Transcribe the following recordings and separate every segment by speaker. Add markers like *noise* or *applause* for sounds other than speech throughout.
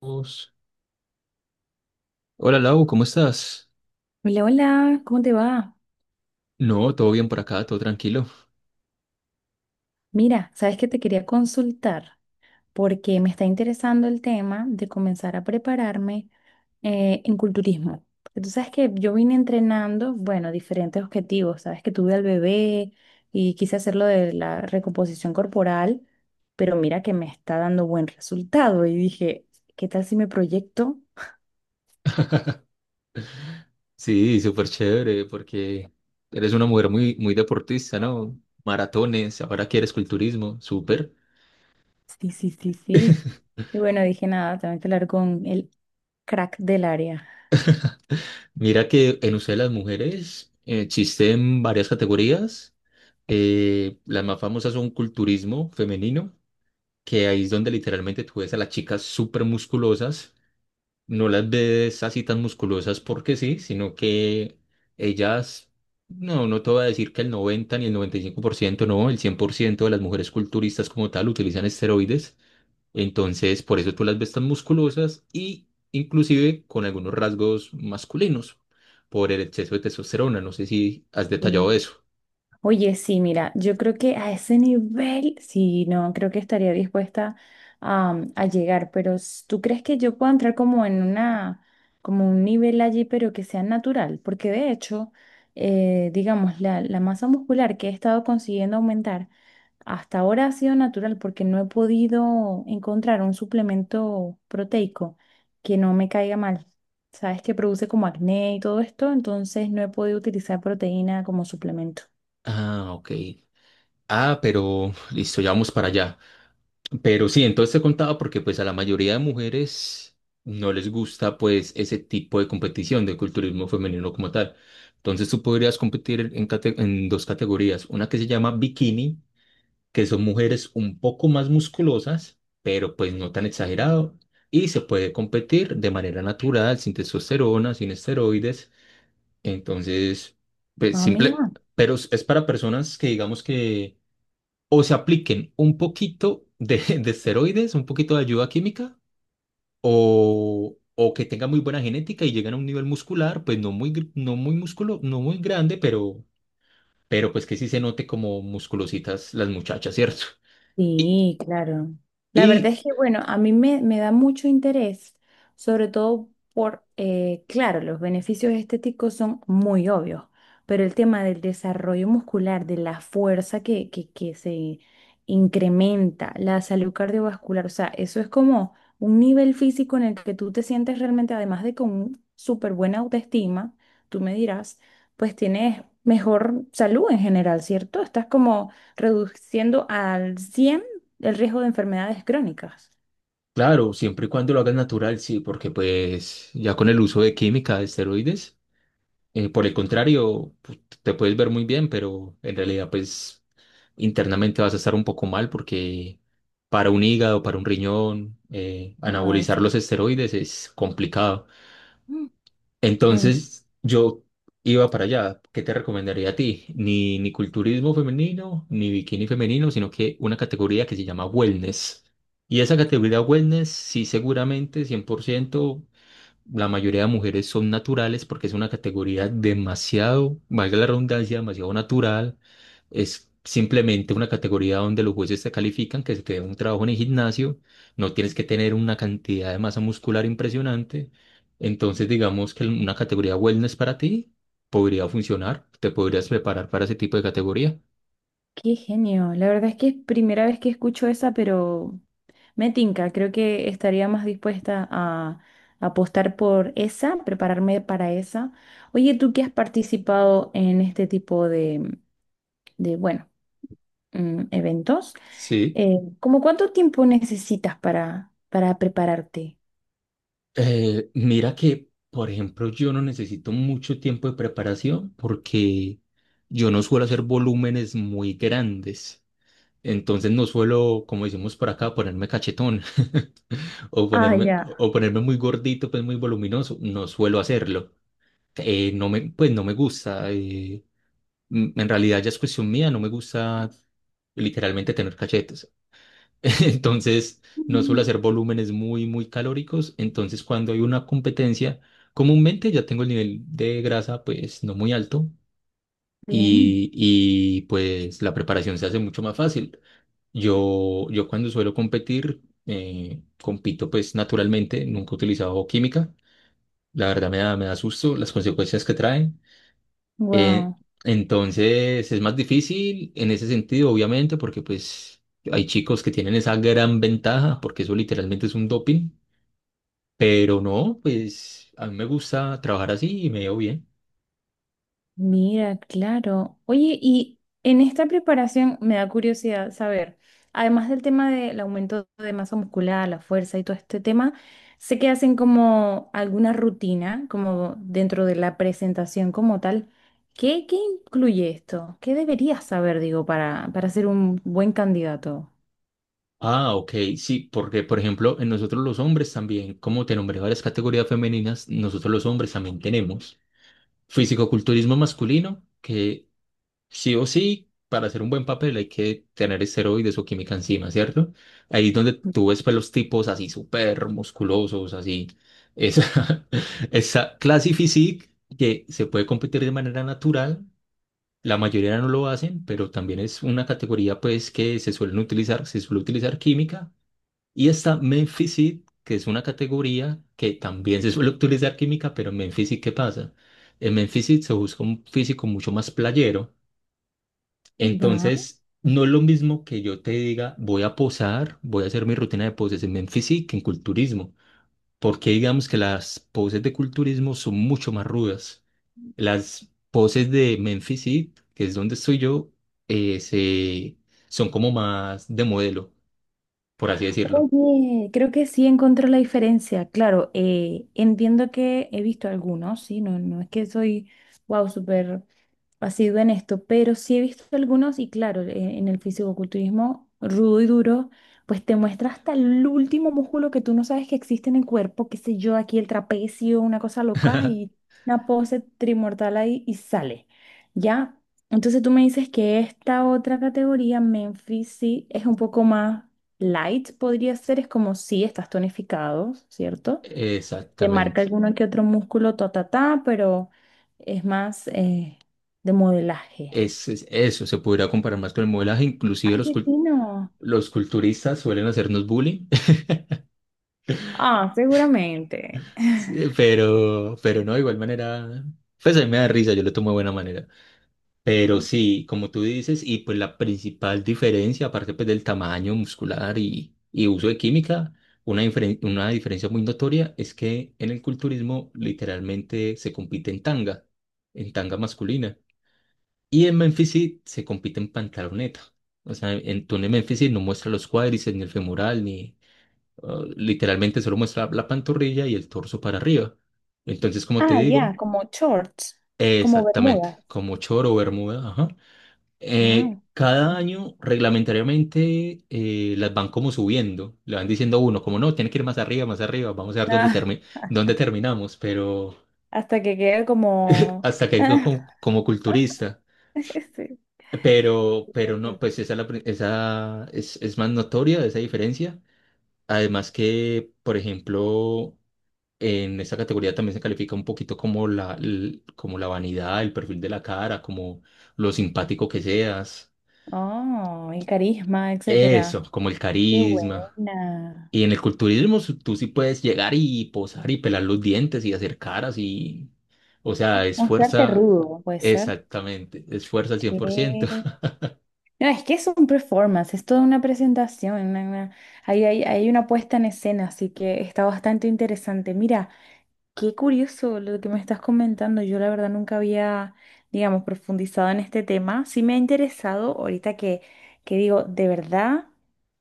Speaker 1: Vamos. Hola Lau, ¿cómo estás?
Speaker 2: Hola, hola, ¿cómo te va?
Speaker 1: No, todo bien por acá, todo tranquilo.
Speaker 2: Mira, sabes que te quería consultar porque me está interesando el tema de comenzar a prepararme en culturismo. Porque tú sabes que yo vine entrenando, bueno, diferentes objetivos. Sabes que tuve al bebé y quise hacerlo de la recomposición corporal, pero mira que me está dando buen resultado. Y dije, ¿qué tal si me proyecto?
Speaker 1: Sí, súper chévere, porque eres una mujer muy, muy deportista, ¿no? Maratones, ahora quieres culturismo, súper.
Speaker 2: Sí, sí, sí, sí.
Speaker 1: *laughs*
Speaker 2: Y bueno, dije nada, tengo que hablar con el crack del área.
Speaker 1: Mira que en Usted las mujeres existen varias categorías. Las más famosas son culturismo femenino, que ahí es donde literalmente tú ves a las chicas súper musculosas, no las ves así tan musculosas porque sí, sino que ellas, no, no te voy a decir que el 90 ni el 95%, no, el 100% de las mujeres culturistas como tal utilizan esteroides. Entonces por eso tú las ves tan musculosas, y inclusive con algunos rasgos masculinos por el exceso de testosterona. No sé si has detallado eso.
Speaker 2: Oye, sí, mira, yo creo que a ese nivel, sí, no, creo que estaría dispuesta a llegar, pero ¿tú crees que yo puedo entrar como en una, como un nivel allí, pero que sea natural? Porque de hecho, digamos, la masa muscular que he estado consiguiendo aumentar hasta ahora ha sido natural porque no he podido encontrar un suplemento proteico que no me caiga mal. Sabes que produce como acné y todo esto, entonces no he podido utilizar proteína como suplemento.
Speaker 1: Ah, ok. Ah, pero listo, ya vamos para allá. Pero sí, entonces te contaba porque pues a la mayoría de mujeres no les gusta pues ese tipo de competición de culturismo femenino como tal. Entonces tú podrías competir en, en dos categorías, una que se llama bikini, que son mujeres un poco más musculosas, pero pues no tan exagerado, y se puede competir de manera natural, sin testosterona, sin esteroides. Entonces, pues
Speaker 2: Ah,
Speaker 1: simple,
Speaker 2: mira.
Speaker 1: pero es para personas que digamos que o se apliquen un poquito de, *laughs* de esteroides, un poquito de ayuda química, o que tengan muy buena genética y lleguen a un nivel muscular, pues no muy, no muy músculo, no muy grande, pero pues que sí se note como musculositas las muchachas, ¿cierto? Y,
Speaker 2: Sí, claro. La
Speaker 1: y
Speaker 2: verdad es que, bueno, a mí me da mucho interés, sobre todo por, claro, los beneficios estéticos son muy obvios, pero el tema del desarrollo muscular, de la fuerza que se incrementa, la salud cardiovascular, o sea, eso es como un nivel físico en el que tú te sientes realmente, además de con súper buena autoestima, tú me dirás, pues tienes mejor salud en general, ¿cierto? Estás como reduciendo al 100% el riesgo de enfermedades crónicas.
Speaker 1: claro, siempre y cuando lo hagan natural, sí, porque pues ya con el uso de química, de esteroides, por el contrario, te puedes ver muy bien, pero en realidad, pues internamente vas a estar un poco mal, porque para un hígado, para un riñón,
Speaker 2: Wow,
Speaker 1: anabolizar
Speaker 2: sí.
Speaker 1: los
Speaker 2: *gasps*
Speaker 1: esteroides es complicado.
Speaker 2: Mm. No, no,
Speaker 1: Entonces, yo iba para allá. ¿Qué te recomendaría a ti? Ni, ni culturismo femenino, ni bikini femenino, sino que una categoría que se llama wellness. Y esa categoría wellness, sí, seguramente, 100%. La mayoría de mujeres son naturales porque es una categoría demasiado, valga la redundancia, demasiado natural. Es simplemente una categoría donde los jueces te califican que se te dé un trabajo en el gimnasio. No tienes que tener una cantidad de masa muscular impresionante. Entonces, digamos que una categoría wellness para ti podría funcionar. Te podrías preparar para ese tipo de categoría.
Speaker 2: qué genio. La verdad es que es primera vez que escucho esa, pero me tinca. Creo que estaría más dispuesta a apostar por esa, prepararme para esa. Oye, tú que has participado en este tipo de, bueno, eventos,
Speaker 1: Sí.
Speaker 2: ¿cómo cuánto tiempo necesitas para prepararte?
Speaker 1: Mira que, por ejemplo, yo no necesito mucho tiempo de preparación porque yo no suelo hacer volúmenes muy grandes. Entonces no suelo, como decimos por acá, ponerme cachetón, *laughs* o
Speaker 2: Ah,
Speaker 1: ponerme,
Speaker 2: ya.
Speaker 1: o ponerme muy gordito, pues muy voluminoso. No suelo hacerlo. No me, pues no me gusta. En realidad ya es cuestión mía, no me gusta literalmente tener cachetes. *laughs* Entonces, no suelo
Speaker 2: Mm.
Speaker 1: hacer volúmenes muy, muy calóricos. Entonces, cuando hay una competencia, comúnmente ya tengo el nivel de grasa, pues, no muy alto,
Speaker 2: Bien.
Speaker 1: y pues la preparación se hace mucho más fácil. Yo cuando suelo competir, compito pues naturalmente, nunca he utilizado química. La verdad me da susto las consecuencias que traen. Eh,
Speaker 2: Wow.
Speaker 1: entonces es más difícil en ese sentido, obviamente, porque pues hay chicos que tienen esa gran ventaja, porque eso literalmente es un doping, pero no, pues a mí me gusta trabajar así y me veo bien.
Speaker 2: Mira, claro. Oye, y en esta preparación me da curiosidad saber, además del tema del aumento de masa muscular, la fuerza y todo este tema, sé que hacen como alguna rutina, como dentro de la presentación como tal. ¿Qué, qué incluye esto? ¿Qué deberías saber, digo, para ser un buen candidato?
Speaker 1: Ah, ok, sí, porque por ejemplo, en nosotros los hombres también, como te nombré varias categorías femeninas, nosotros los hombres también tenemos fisicoculturismo masculino, que sí o sí, para hacer un buen papel hay que tener esteroides o química encima, ¿cierto? Ahí es donde tú ves pues los tipos así súper musculosos, así. Esa, *laughs* esa clase physique que se puede competir de manera natural, la mayoría no lo hacen, pero también es una categoría pues que se suelen utilizar, se suele utilizar química. Y está men physique, que es una categoría que también se suele utilizar química, pero en men physique, ¿qué pasa? En men physique se busca un físico mucho más playero.
Speaker 2: Va.
Speaker 1: Entonces, no es lo mismo que yo te diga, voy a posar, voy a hacer mi rutina de poses en Memphis que en culturismo, porque digamos que las poses de culturismo son mucho más rudas. Las poses de Memphis, que es donde estoy yo, eh, se- son como más de modelo, por así decirlo.
Speaker 2: Oye, creo que sí encontré la diferencia. Claro, entiendo que he visto algunos, sí, no, no es que soy, wow, súper sido en esto, pero sí he visto algunos y claro, en el fisicoculturismo rudo y duro, pues te muestra hasta el último músculo que tú no sabes que existe en el cuerpo, qué sé yo, aquí el trapecio, una cosa loca y una pose trimortal ahí y sale, ¿ya? Entonces tú me dices que esta otra categoría, Memphis, sí, es un poco más light, podría ser, es como si estás tonificado, ¿cierto? Te marca
Speaker 1: Exactamente.
Speaker 2: alguno que otro músculo, ta, ta, ta, pero es más de modelaje.
Speaker 1: Eso se podría comparar más con el modelaje, inclusive
Speaker 2: Ay,
Speaker 1: los,
Speaker 2: qué fino.
Speaker 1: los culturistas suelen hacernos bullying.
Speaker 2: Ah, seguramente.
Speaker 1: Sí, pero no, de igual manera, pues a mí me da risa, yo lo tomo de buena manera. Pero sí, como tú dices, y pues la principal diferencia, aparte pues del tamaño muscular y uso de química, una, una diferencia muy notoria es que en el culturismo literalmente se compite en tanga masculina. Y en Memphis sí se compite en pantaloneta. O sea, en, tú en el Memphis sí no muestra los cuádriceps, ni el femoral, Ah, literalmente solo muestra la pantorrilla y el torso para arriba. Entonces, como te
Speaker 2: Ah, ya,
Speaker 1: digo,
Speaker 2: como shorts, como
Speaker 1: exactamente,
Speaker 2: bermudas.
Speaker 1: como choro o bermuda, ajá.
Speaker 2: Ah.
Speaker 1: Cada año, reglamentariamente, las van como subiendo, le van diciendo a uno, como no, tiene que ir más arriba, vamos a ver dónde,
Speaker 2: Ah,
Speaker 1: dónde terminamos, pero
Speaker 2: hasta que quede como...
Speaker 1: hasta que digo como,
Speaker 2: *laughs*
Speaker 1: como culturista.
Speaker 2: Sí,
Speaker 1: Pero no,
Speaker 2: gracias.
Speaker 1: pues esa, esa es más notoria esa diferencia. Además que, por ejemplo, en esta categoría también se califica un poquito como la, como la vanidad, el perfil de la cara, como lo simpático que seas,
Speaker 2: Oh, y carisma,
Speaker 1: eso,
Speaker 2: etcétera.
Speaker 1: como el
Speaker 2: Qué
Speaker 1: carisma.
Speaker 2: buena.
Speaker 1: Y en el culturismo tú sí puedes llegar y posar y pelar los dientes y hacer caras y, o sea, es
Speaker 2: Mostrarte
Speaker 1: fuerza,
Speaker 2: rudo, puede ser.
Speaker 1: exactamente, es fuerza al cien por
Speaker 2: ¿Qué?
Speaker 1: ciento. *laughs*
Speaker 2: No, es que es un performance, es toda una presentación, hay, hay una puesta en escena, así que está bastante interesante. Mira, qué curioso lo que me estás comentando. Yo la verdad nunca había, digamos, profundizado en este tema. Sí me ha interesado ahorita que digo, de verdad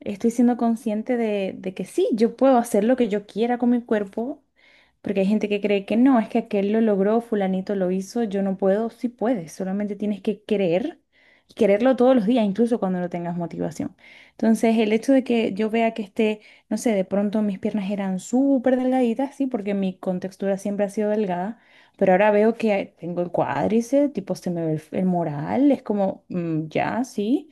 Speaker 2: estoy siendo consciente de que sí, yo puedo hacer lo que yo quiera con mi cuerpo, porque hay gente que cree que no, es que aquel lo logró, fulanito lo hizo, yo no puedo. Sí puedes, solamente tienes que querer y quererlo todos los días, incluso cuando no tengas motivación. Entonces, el hecho de que yo vea que esté no sé, de pronto mis piernas eran súper delgaditas, sí, porque mi contextura siempre ha sido delgada, pero ahora veo que tengo el cuádriceps, tipo se me ve el moral, es como, mm, ya, sí.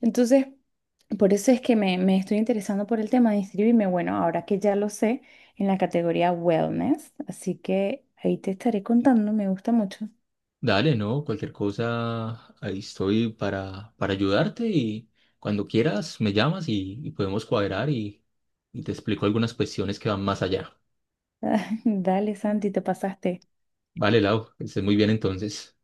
Speaker 2: Entonces, por eso es que me estoy interesando por el tema de inscribirme, bueno, ahora que ya lo sé, en la categoría wellness, así que ahí te estaré contando, me gusta mucho.
Speaker 1: Dale, ¿no? Cualquier cosa, ahí estoy para ayudarte y cuando quieras me llamas y podemos cuadrar y te explico algunas cuestiones que van más allá.
Speaker 2: *laughs* Dale, Santi, te pasaste.
Speaker 1: Vale, Lau, que estés muy bien entonces.